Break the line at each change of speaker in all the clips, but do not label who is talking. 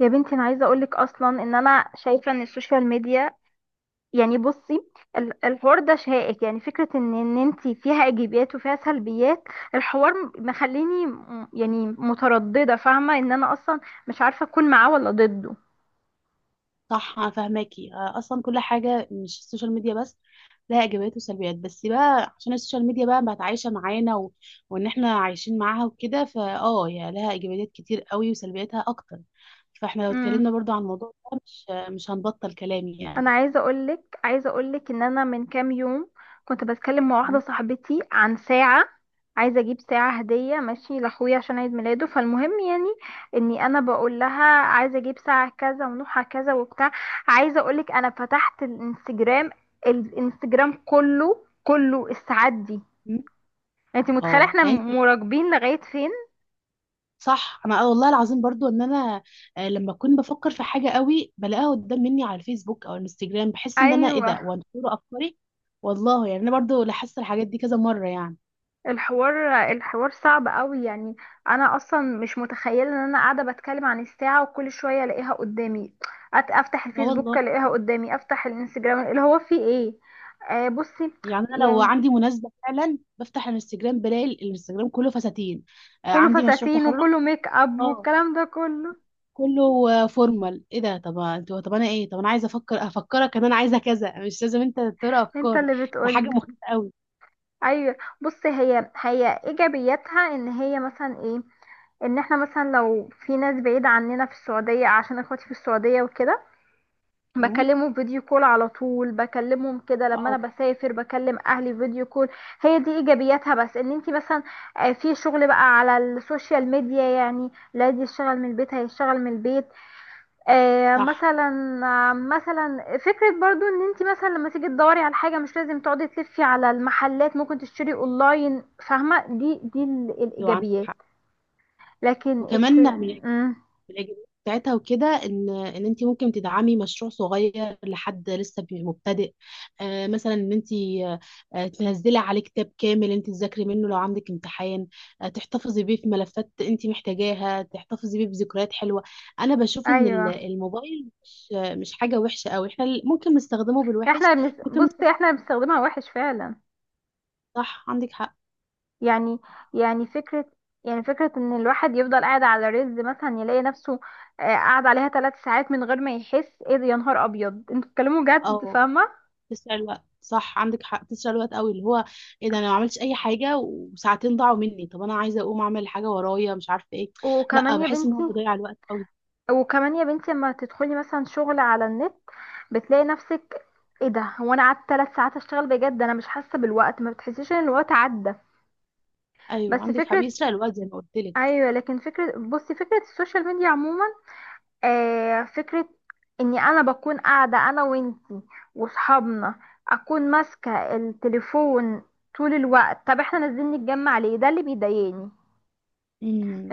يا بنتي انا عايزه اقولك اصلا ان انا شايفه ان السوشيال ميديا يعني بصي، الحوار ده شائك، يعني فكره ان انت فيها ايجابيات وفيها سلبيات. الحوار مخليني يعني متردده، فاهمه ان انا اصلا مش عارفه اكون معاه ولا ضده.
صح، أنا فاهماكي. اصلا كل حاجه مش السوشيال ميديا بس لها ايجابيات وسلبيات، بس بقى عشان السوشيال ميديا بقى بقت عايشه معانا وان احنا عايشين معاها وكده، هي لها ايجابيات كتير قوي وسلبياتها اكتر. فاحنا لو اتكلمنا برضو عن الموضوع ده مش هنبطل كلام
انا
يعني.
عايزه اقولك ان انا من كام يوم كنت بتكلم مع واحده
م-
صاحبتي عن ساعه. عايزه اجيب ساعه هديه ماشي لاخويا عشان عيد ميلاده، فالمهم يعني اني انا بقول لها عايزه اجيب ساعه كذا ونوعها كذا وبتاع. عايزه اقولك انا فتحت الانستجرام، الانستجرام كله الساعات دي.
م-
انت متخيله
اه
احنا
يعني انت،
مراقبين لغايه فين؟
صح. انا والله العظيم برضو ان انا، لما اكون بفكر في حاجه قوي بلاقيها قدام مني على الفيسبوك او الانستجرام بحس ان انا ايه ده
ايوه،
وانا افكاري. والله يعني انا برضو لاحظت الحاجات دي كذا مره يعني.
الحوار صعب قوي يعني. انا اصلا مش متخيله ان انا قاعده بتكلم عن الساعه وكل شويه الاقيها قدامي. افتح
اه
الفيسبوك
والله.
الاقيها قدامي، افتح الانستجرام اللي هو فيه ايه. آه بصي،
يعني انا لو
يعني
عندي مناسبه فعلا بفتح الانستجرام بلاقي الانستجرام كله فساتين.
كله
عندي مشروع
فساتين
تخرج.
وكله ميك اب
اه،
والكلام ده كله.
كله فورمال، ايه ده؟ طب انتوا، طب انا ايه؟ طب انا عايزه افكرك ان انا عايزه كذا، مش لازم انت تقرا
انت
افكاري،
اللي
ده حاجه
بتقولي.
مخيفه قوي.
ايوه بصي، هي ايجابياتها ان هي مثلا ايه، ان احنا مثلا لو في ناس بعيده عننا في السعوديه، عشان اخواتي في السعوديه وكده،
مم.
بكلمه فيديو كول على طول، بكلمهم كده لما
اه.
انا بسافر بكلم اهلي فيديو كول. هي دي ايجابياتها. بس ان انت مثلا في شغل بقى على السوشيال ميديا، يعني لا دي يشتغل من البيت، هيشتغل من البيت.
صح.
مثلا. مثلا فكرة برضو ان انت مثلا لما تيجي تدوري على حاجة مش لازم تقعدي تلفي على المحلات، ممكن تشتري اونلاين، فاهمة، دي دي ال-
ايوه عندك
الايجابيات
حق.
لكن الس...
وكمان
مم.
الاجابات بتاعتها وكده ان انت ممكن تدعمي مشروع صغير لحد لسه مبتدئ. مثلا ان انت، تنزلي عليه كتاب كامل انت تذاكري منه لو عندك امتحان، تحتفظي بيه في ملفات انت محتاجاها، تحتفظي بيه بذكريات حلوة. انا بشوف ان
ايوه،
الموبايل مش حاجة وحشة قوي، احنا ممكن نستخدمه بالوحش. ممكن
بصي
نست-
احنا بنستخدمها وحش فعلا.
صح عندك حق.
يعني يعني فكرة يعني فكرة ان الواحد يفضل قاعد على رز مثلا، يلاقي نفسه قاعد عليها 3 ساعات من غير ما يحس، ايه ده يا نهار ابيض انتوا بتتكلموا جد،
اه،
فاهمة.
تسرق الوقت، صح عندك حق، تسرق الوقت قوي، اللي هو ايه ده، انا ما عملتش اي حاجه وساعتين ضاعوا مني، طب انا عايزه اقوم اعمل حاجه ورايا مش عارفه ايه. لا،
وكمان يا
بحس ان
بنتي
هو بيضيع الوقت قوي.
وكمان يا بنتي لما تدخلي مثلا شغل على النت بتلاقي نفسك، ايه ده هو انا قعدت 3 ساعات اشتغل بجد انا مش حاسة بالوقت، ما بتحسيش ان الوقت عدى.
ايوه
بس
عندك حق،
فكرة
بيسرق الوقت زي ما قلت لك.
ايوه لكن فكرة، بصي فكرة السوشيال ميديا عموما، آه، فكرة اني انا بكون قاعدة انا وانتي وصحابنا، اكون ماسكة التليفون طول الوقت، طب احنا نازلين نتجمع ليه؟ ده اللي بيضايقني،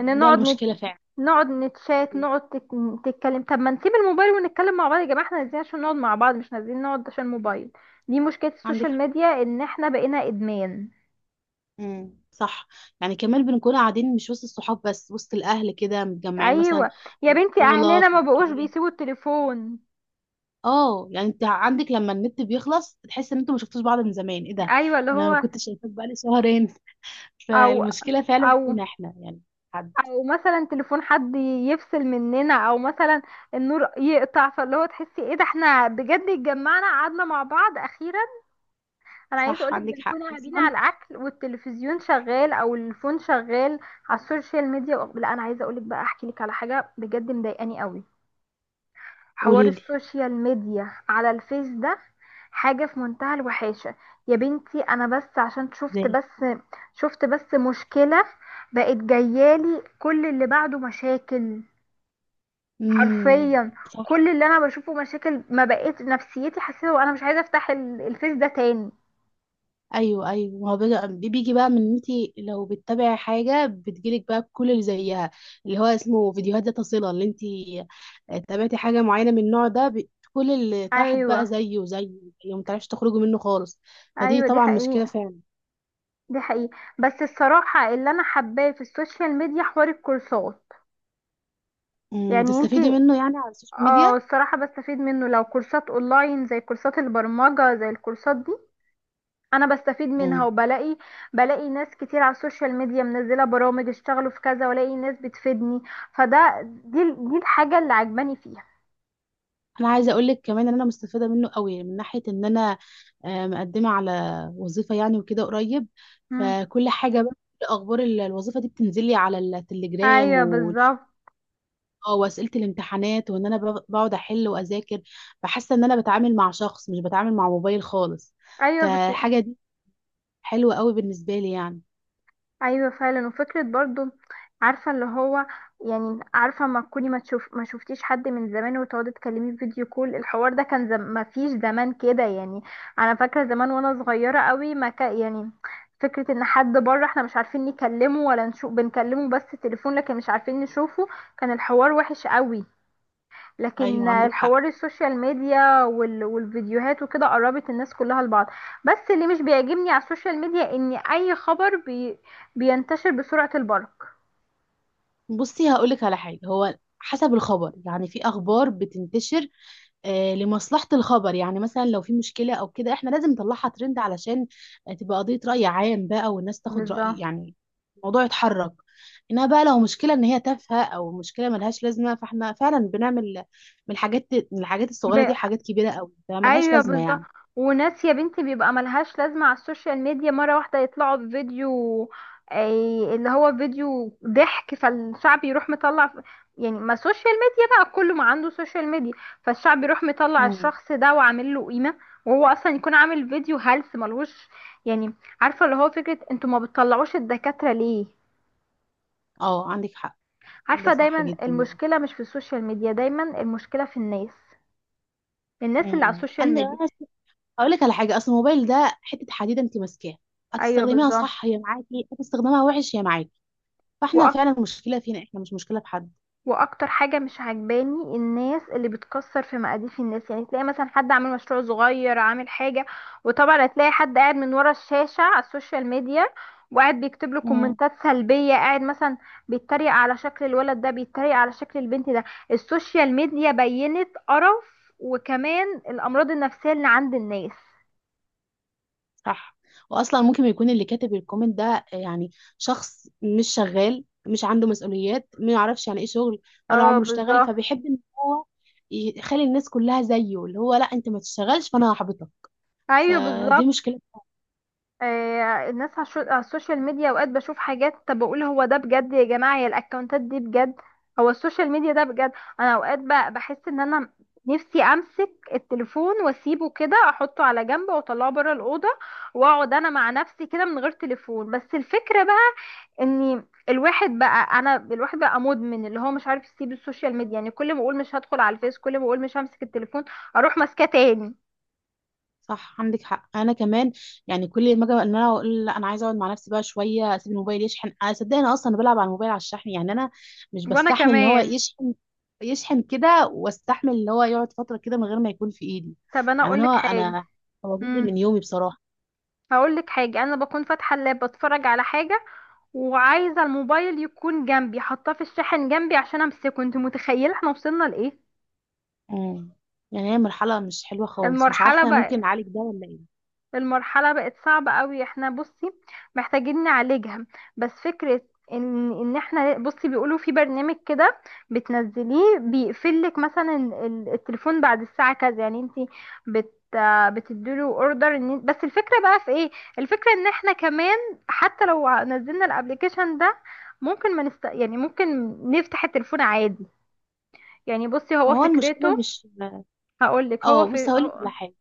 ان
ده
نقعد نت...
المشكله فعلا.
نقعد نتشات،
أيوة،
تتكلم، طب ما نسيب الموبايل ونتكلم مع بعض يا جماعة، احنا نازلين عشان نقعد مع بعض مش نازلين نقعد عشان الموبايل. دي مشكلة
عندك
السوشيال
حق.
ميديا، ان احنا بقينا ادمان.
امم، صح. يعني كمان بنكون قاعدين مش وسط الصحاب بس وسط الاهل كده متجمعين مثلا
ايوه يا
في
بنتي
الصاله
اهلنا
في
ما بقوش
المكان.
بيسيبوا التليفون.
اه، يعني انت عندك لما النت بيخلص تحس ان انتوا ما شفتوش بعض من زمان، ايه ده،
ايوه اللي
انا ما
هو،
كنتش شايفاك بقالي شهرين.
او
فالمشكلة فعلا
او
فينا احنا يعني. حد.
ومثلا تليفون حد يفصل مننا، او مثلا النور يقطع، فاللي هو تحسي ايه ده احنا بجد اتجمعنا قعدنا مع بعض اخيرا. انا عايزه
صح
اقولك
عندك حق
بنكون قاعدين
اصلا.
على الاكل والتلفزيون شغال، او الفون شغال على السوشيال ميديا. لا انا عايزه اقولك بقى احكي لك على حاجه بجد مضايقاني قوي، حوار
قولي لي.
السوشيال ميديا على الفيس ده، حاجه في منتهى الوحاشه. يا بنتي انا بس عشان شفت
ازاي.
بس شفت بس مشكله، بقت جايالي كل اللي بعده مشاكل،
امم،
حرفيا.
صح.
كل اللي انا بشوفه مشاكل، ما بقيت نفسيتي، حسيت وانا مش عايزه افتح الفيس ده تاني.
ايوه، ايوه، ما هو بيجي، دي بيجي بقى من إن انتي لو بتتابعي حاجه بتجيلك بقى كل اللي زيها، اللي هو اسمه فيديوهات ذات صله. اللي انتي تابعتي حاجه معينه من النوع ده، كل اللي تحت بقى
ايوه
زيه زيه، يعني ما تعرفش تخرجي منه خالص. فدي
ايوه دي
طبعا مشكله
حقيقه.
فعلا.
دي حقيقه بس الصراحه اللي انا حباه في السوشيال ميديا حوار الكورسات. يعني
تستفيدي
انتي،
منه يعني على السوشيال ميديا.
اه الصراحه بستفيد منه، لو كورسات اونلاين زي كورسات البرمجه زي الكورسات دي انا بستفيد منها، وبلاقي ناس كتير على السوشيال ميديا منزله برامج اشتغلوا في كذا، والاقي ناس بتفيدني، فده دي دي الحاجه اللي عجباني فيها.
انا عايزه اقول لك كمان ان انا مستفاده منه قوي من ناحيه ان انا، مقدمه على وظيفه يعني وكده قريب.
مم.
فكل حاجه بقى، كل اخبار الوظيفه دي بتنزل لي على التليجرام
ايوه بالظبط.
واسئله الامتحانات وان انا بقعد احل واذاكر، فحاسه ان انا بتعامل مع شخص مش بتعامل مع موبايل خالص.
ايوه بت...
فالحاجه دي حلوه قوي بالنسبه لي يعني.
ايوه فعلا، وفكره برضو، عارفه اللي هو، يعني عارفه ما تكوني ما تشوف ما شفتيش حد من زمان وتقعدي تكلميه في فيديو كول، الحوار ده كان ما فيش زمان كده يعني. انا فاكره زمان وانا صغيره قوي، ما ك... يعني فكره ان حد بره احنا مش عارفين نكلمه ولا نشوف، بنكلمه بس تليفون لكن مش عارفين نشوفه، كان الحوار وحش قوي. لكن
ايوه عندك حق.
الحوار السوشيال ميديا والفيديوهات وكده قربت الناس كلها لبعض. بس اللي مش بيعجبني على السوشيال ميديا ان اي خبر بينتشر بسرعة البرق.
بصي هقول لك على حاجه، هو حسب الخبر يعني، في اخبار بتنتشر لمصلحة الخبر، يعني مثلا لو في مشكلة أو كده إحنا لازم نطلعها ترند علشان تبقى قضية رأي عام بقى، والناس تاخد رأي
بالظبط.
يعني الموضوع يتحرك. إنما بقى لو مشكلة إن هي تافهة أو مشكلة ملهاش لازمة، فإحنا فعلا بنعمل من الحاجات من الحاجات الصغيرة دي
ب-
حاجات كبيرة أوي، فملهاش
ايوه
لازمة
بالظبط،
يعني.
وناس يا بنتي بيبقى ملهاش لازمه على السوشيال ميديا، مره واحده يطلعوا بفيديو، أي اللي هو فيديو ضحك، فالشعب يروح مطلع ف- يعني ما سوشيال ميديا بقى كله ما عنده سوشيال ميديا، فالشعب يروح مطلع
امم.
الشخص ده وعامل له قيمه، وهو اصلا يكون عامل فيديو هلس ملهوش يعني. عارفه اللي هو فكره انتوا ما بتطلعوش الدكاتره ليه؟
أه عندك حق. ده
عارفه
صح
دايما
جدا يعني.
المشكله مش في السوشيال ميديا، دايما المشكله في الناس، الناس اللي على
امم،
السوشيال
أنا
ميديا.
أقول لك على حاجة، أصل الموبايل ده حتة حديدة، أنت ماسكاها
ايوه
هتستخدميها
بالظبط.
صح هي معاكي، هتستخدمها وحش هي معاكي. فإحنا فعلا المشكلة فينا إحنا، مش مشكلة في حد.
واكتر حاجه مش عجباني الناس اللي بتكسر في مقاديف الناس، يعني تلاقي مثلا حد عامل مشروع صغير عامل حاجه، وطبعا هتلاقي حد قاعد من ورا الشاشه على السوشيال ميديا، وقاعد بيكتب له
مم.
كومنتات سلبيه، قاعد مثلا بيتريق على شكل الولد ده، بيتريق على شكل البنت ده. السوشيال ميديا بينت قرف، وكمان الامراض النفسيه اللي عند الناس.
صح. واصلا ممكن يكون اللي كاتب الكومنت ده، يعني شخص مش شغال مش عنده مسؤوليات ما يعرفش يعني ايه شغل ولا
اه
عمره اشتغل،
بالظبط.
فبيحب ان هو يخلي الناس كلها زيه، اللي هو لا انت ما تشتغلش فانا هحبطك.
ايوه
فدي
بالظبط.
مشكلة.
الناس على على السوشيال ميديا اوقات بشوف حاجات، طب بقول هو ده بجد يا جماعة، يا الاكونتات دي بجد، هو السوشيال ميديا ده بجد؟ انا اوقات بحس ان انا نفسي امسك التليفون واسيبه كده، احطه على جنب واطلعه بره الاوضه، واقعد انا مع نفسي كده من غير تليفون، بس الفكره بقى ان الواحد بقى مدمن، اللي هو مش عارف يسيب السوشيال ميديا، يعني كل ما اقول مش هدخل على الفيس، كل ما اقول مش همسك التليفون، اروح ماسكاه تاني.
صح عندك حق، انا كمان يعني كل ما اجي ان انا اقول لا انا عايزه اقعد مع نفسي بقى شويه، اسيب الموبايل يشحن، انا صدقني انا اصلا بلعب على الموبايل على الشحن يعني، انا مش
وانا
بستحمل ان هو
كمان
يشحن يشحن كده، واستحمل ان هو يقعد فتره كده من غير ما يكون في ايدي.
طب انا
يعني
اقول
انا،
لك حاجه.
هو جزء
مم.
من يومي بصراحه.
هقول لك حاجه، انا بكون فاتحه اللاب بتفرج على حاجه وعايزه الموبايل يكون جنبي حاطاه في الشاحن جنبي عشان امسكه، انت متخيله احنا وصلنا لايه؟
امم يعني هي مرحله مش حلوه خالص، مش
المرحله
عارفه
بقى
ممكن نعالج ده ولا ايه.
المرحلة بقت صعبة قوي، احنا بصي محتاجين نعالجها. بس فكرة ان احنا بصي بيقولوا في برنامج كده، بتنزليه بيقفلك مثلا التليفون بعد الساعة كذا، يعني انتي بت بتديله اوردر. ان بس الفكرة بقى في ايه، الفكرة ان احنا كمان حتى لو نزلنا الابليكيشن ده ممكن ما نست... يعني ممكن نفتح التليفون عادي، يعني بصي
ما
هو
هو المشكله
فكرته،
مش.
هقولك هو
اه، بص
في
هقول لك
هو...
على حاجه.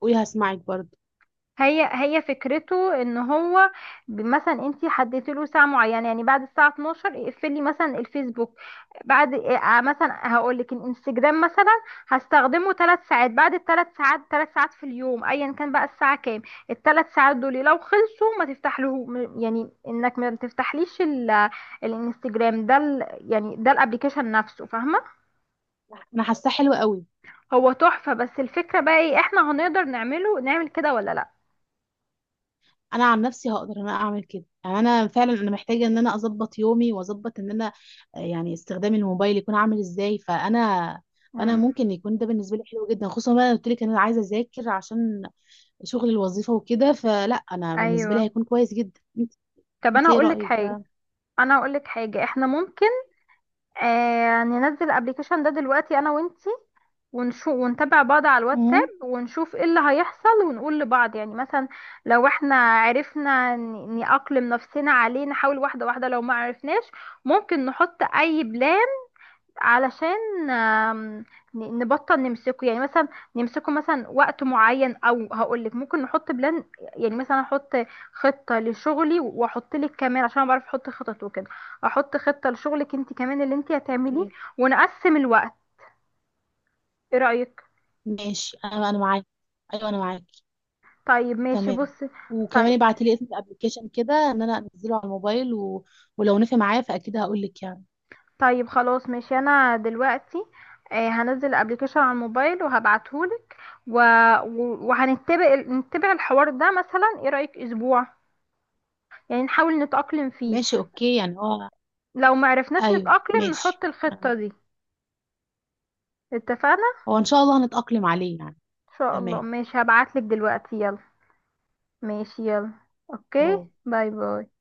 قولي، هسمعك برضه.
هي فكرته ان هو مثلا انت حددت له ساعه معينه، يعني بعد الساعه 12 اقفلي مثلا الفيسبوك، بعد مثلا هقول لك الانستجرام مثلا، هستخدمه 3 ساعات، بعد الـ3 ساعات، 3 ساعات في اليوم ايا كان بقى الساعه كام، الـ3 ساعات دول لو خلصوا ما تفتح له يعني انك ما تفتحليش الانستجرام ده يعني ده الابليكيشن نفسه فاهمه.
انا حاساه حلوه قوي.
هو تحفه بس الفكره بقى ايه، احنا هنقدر نعمل كده ولا لا؟
انا عن نفسي هقدر ان انا اعمل كده، يعني انا فعلا انا محتاجه ان انا اظبط يومي واظبط ان انا، يعني استخدام الموبايل يكون عامل ازاي. فانا
امم
ممكن يكون ده بالنسبه لي حلو جدا، خصوصا بقى انا قلت لك ان انا عايزه اذاكر عشان شغل الوظيفه وكده، فلا انا بالنسبه لي
ايوه.
هيكون كويس جدا انت
طب
انت
انا
ايه
هقول لك
رايك
حاجه،
بقى.
انا هقول لك حاجه، احنا ممكن آه ننزل الابليكيشن ده دلوقتي انا وانتي ونشوف، ونتابع بعض على الواتساب
امم.
ونشوف ايه اللي هيحصل، ونقول لبعض يعني مثلا لو احنا عرفنا نأقلم نفسنا عليه، نحاول واحده واحده، لو ما عرفناش ممكن نحط اي بلان علشان نبطل نمسكه، يعني مثلا نمسكه مثلا وقت معين، او هقولك ممكن نحط بلان، يعني مثلا احط خطة لشغلي، واحط لك كمان عشان أنا بعرف احط خطط وكده، احط خطة لشغلك انت كمان اللي انت هتعمليه،
اوكي.
ونقسم الوقت، ايه رأيك؟
ماشي، انا معاك، ايوه انا معاك.
طيب ماشي
تمام.
بصي.
وكمان
طيب
ابعتي لي اسم الابلكيشن كده ان انا انزله على الموبايل ولو نفع معايا فاكيد هقول لك يعني.
طيب خلاص ماشي، انا دلوقتي هنزل ابلكيشن على الموبايل وهبعتهولك، و... و- وهنتبع نتبع الحوار ده، مثلا ايه رأيك اسبوع، يعني نحاول نتأقلم فيه،
ماشي، اوكي، يعني هو
لو معرفناش
ايوه
نتأقلم
ماشي.
نحط الخطة
أنا-
دي، اتفقنا.
هو ان شاء الله هنتأقلم عليه يعني.
ان شاء الله
تمام.
ماشي هبعتلك دلوقتي يلا. ماشي يلا، اوكي،
باي.
باي باي.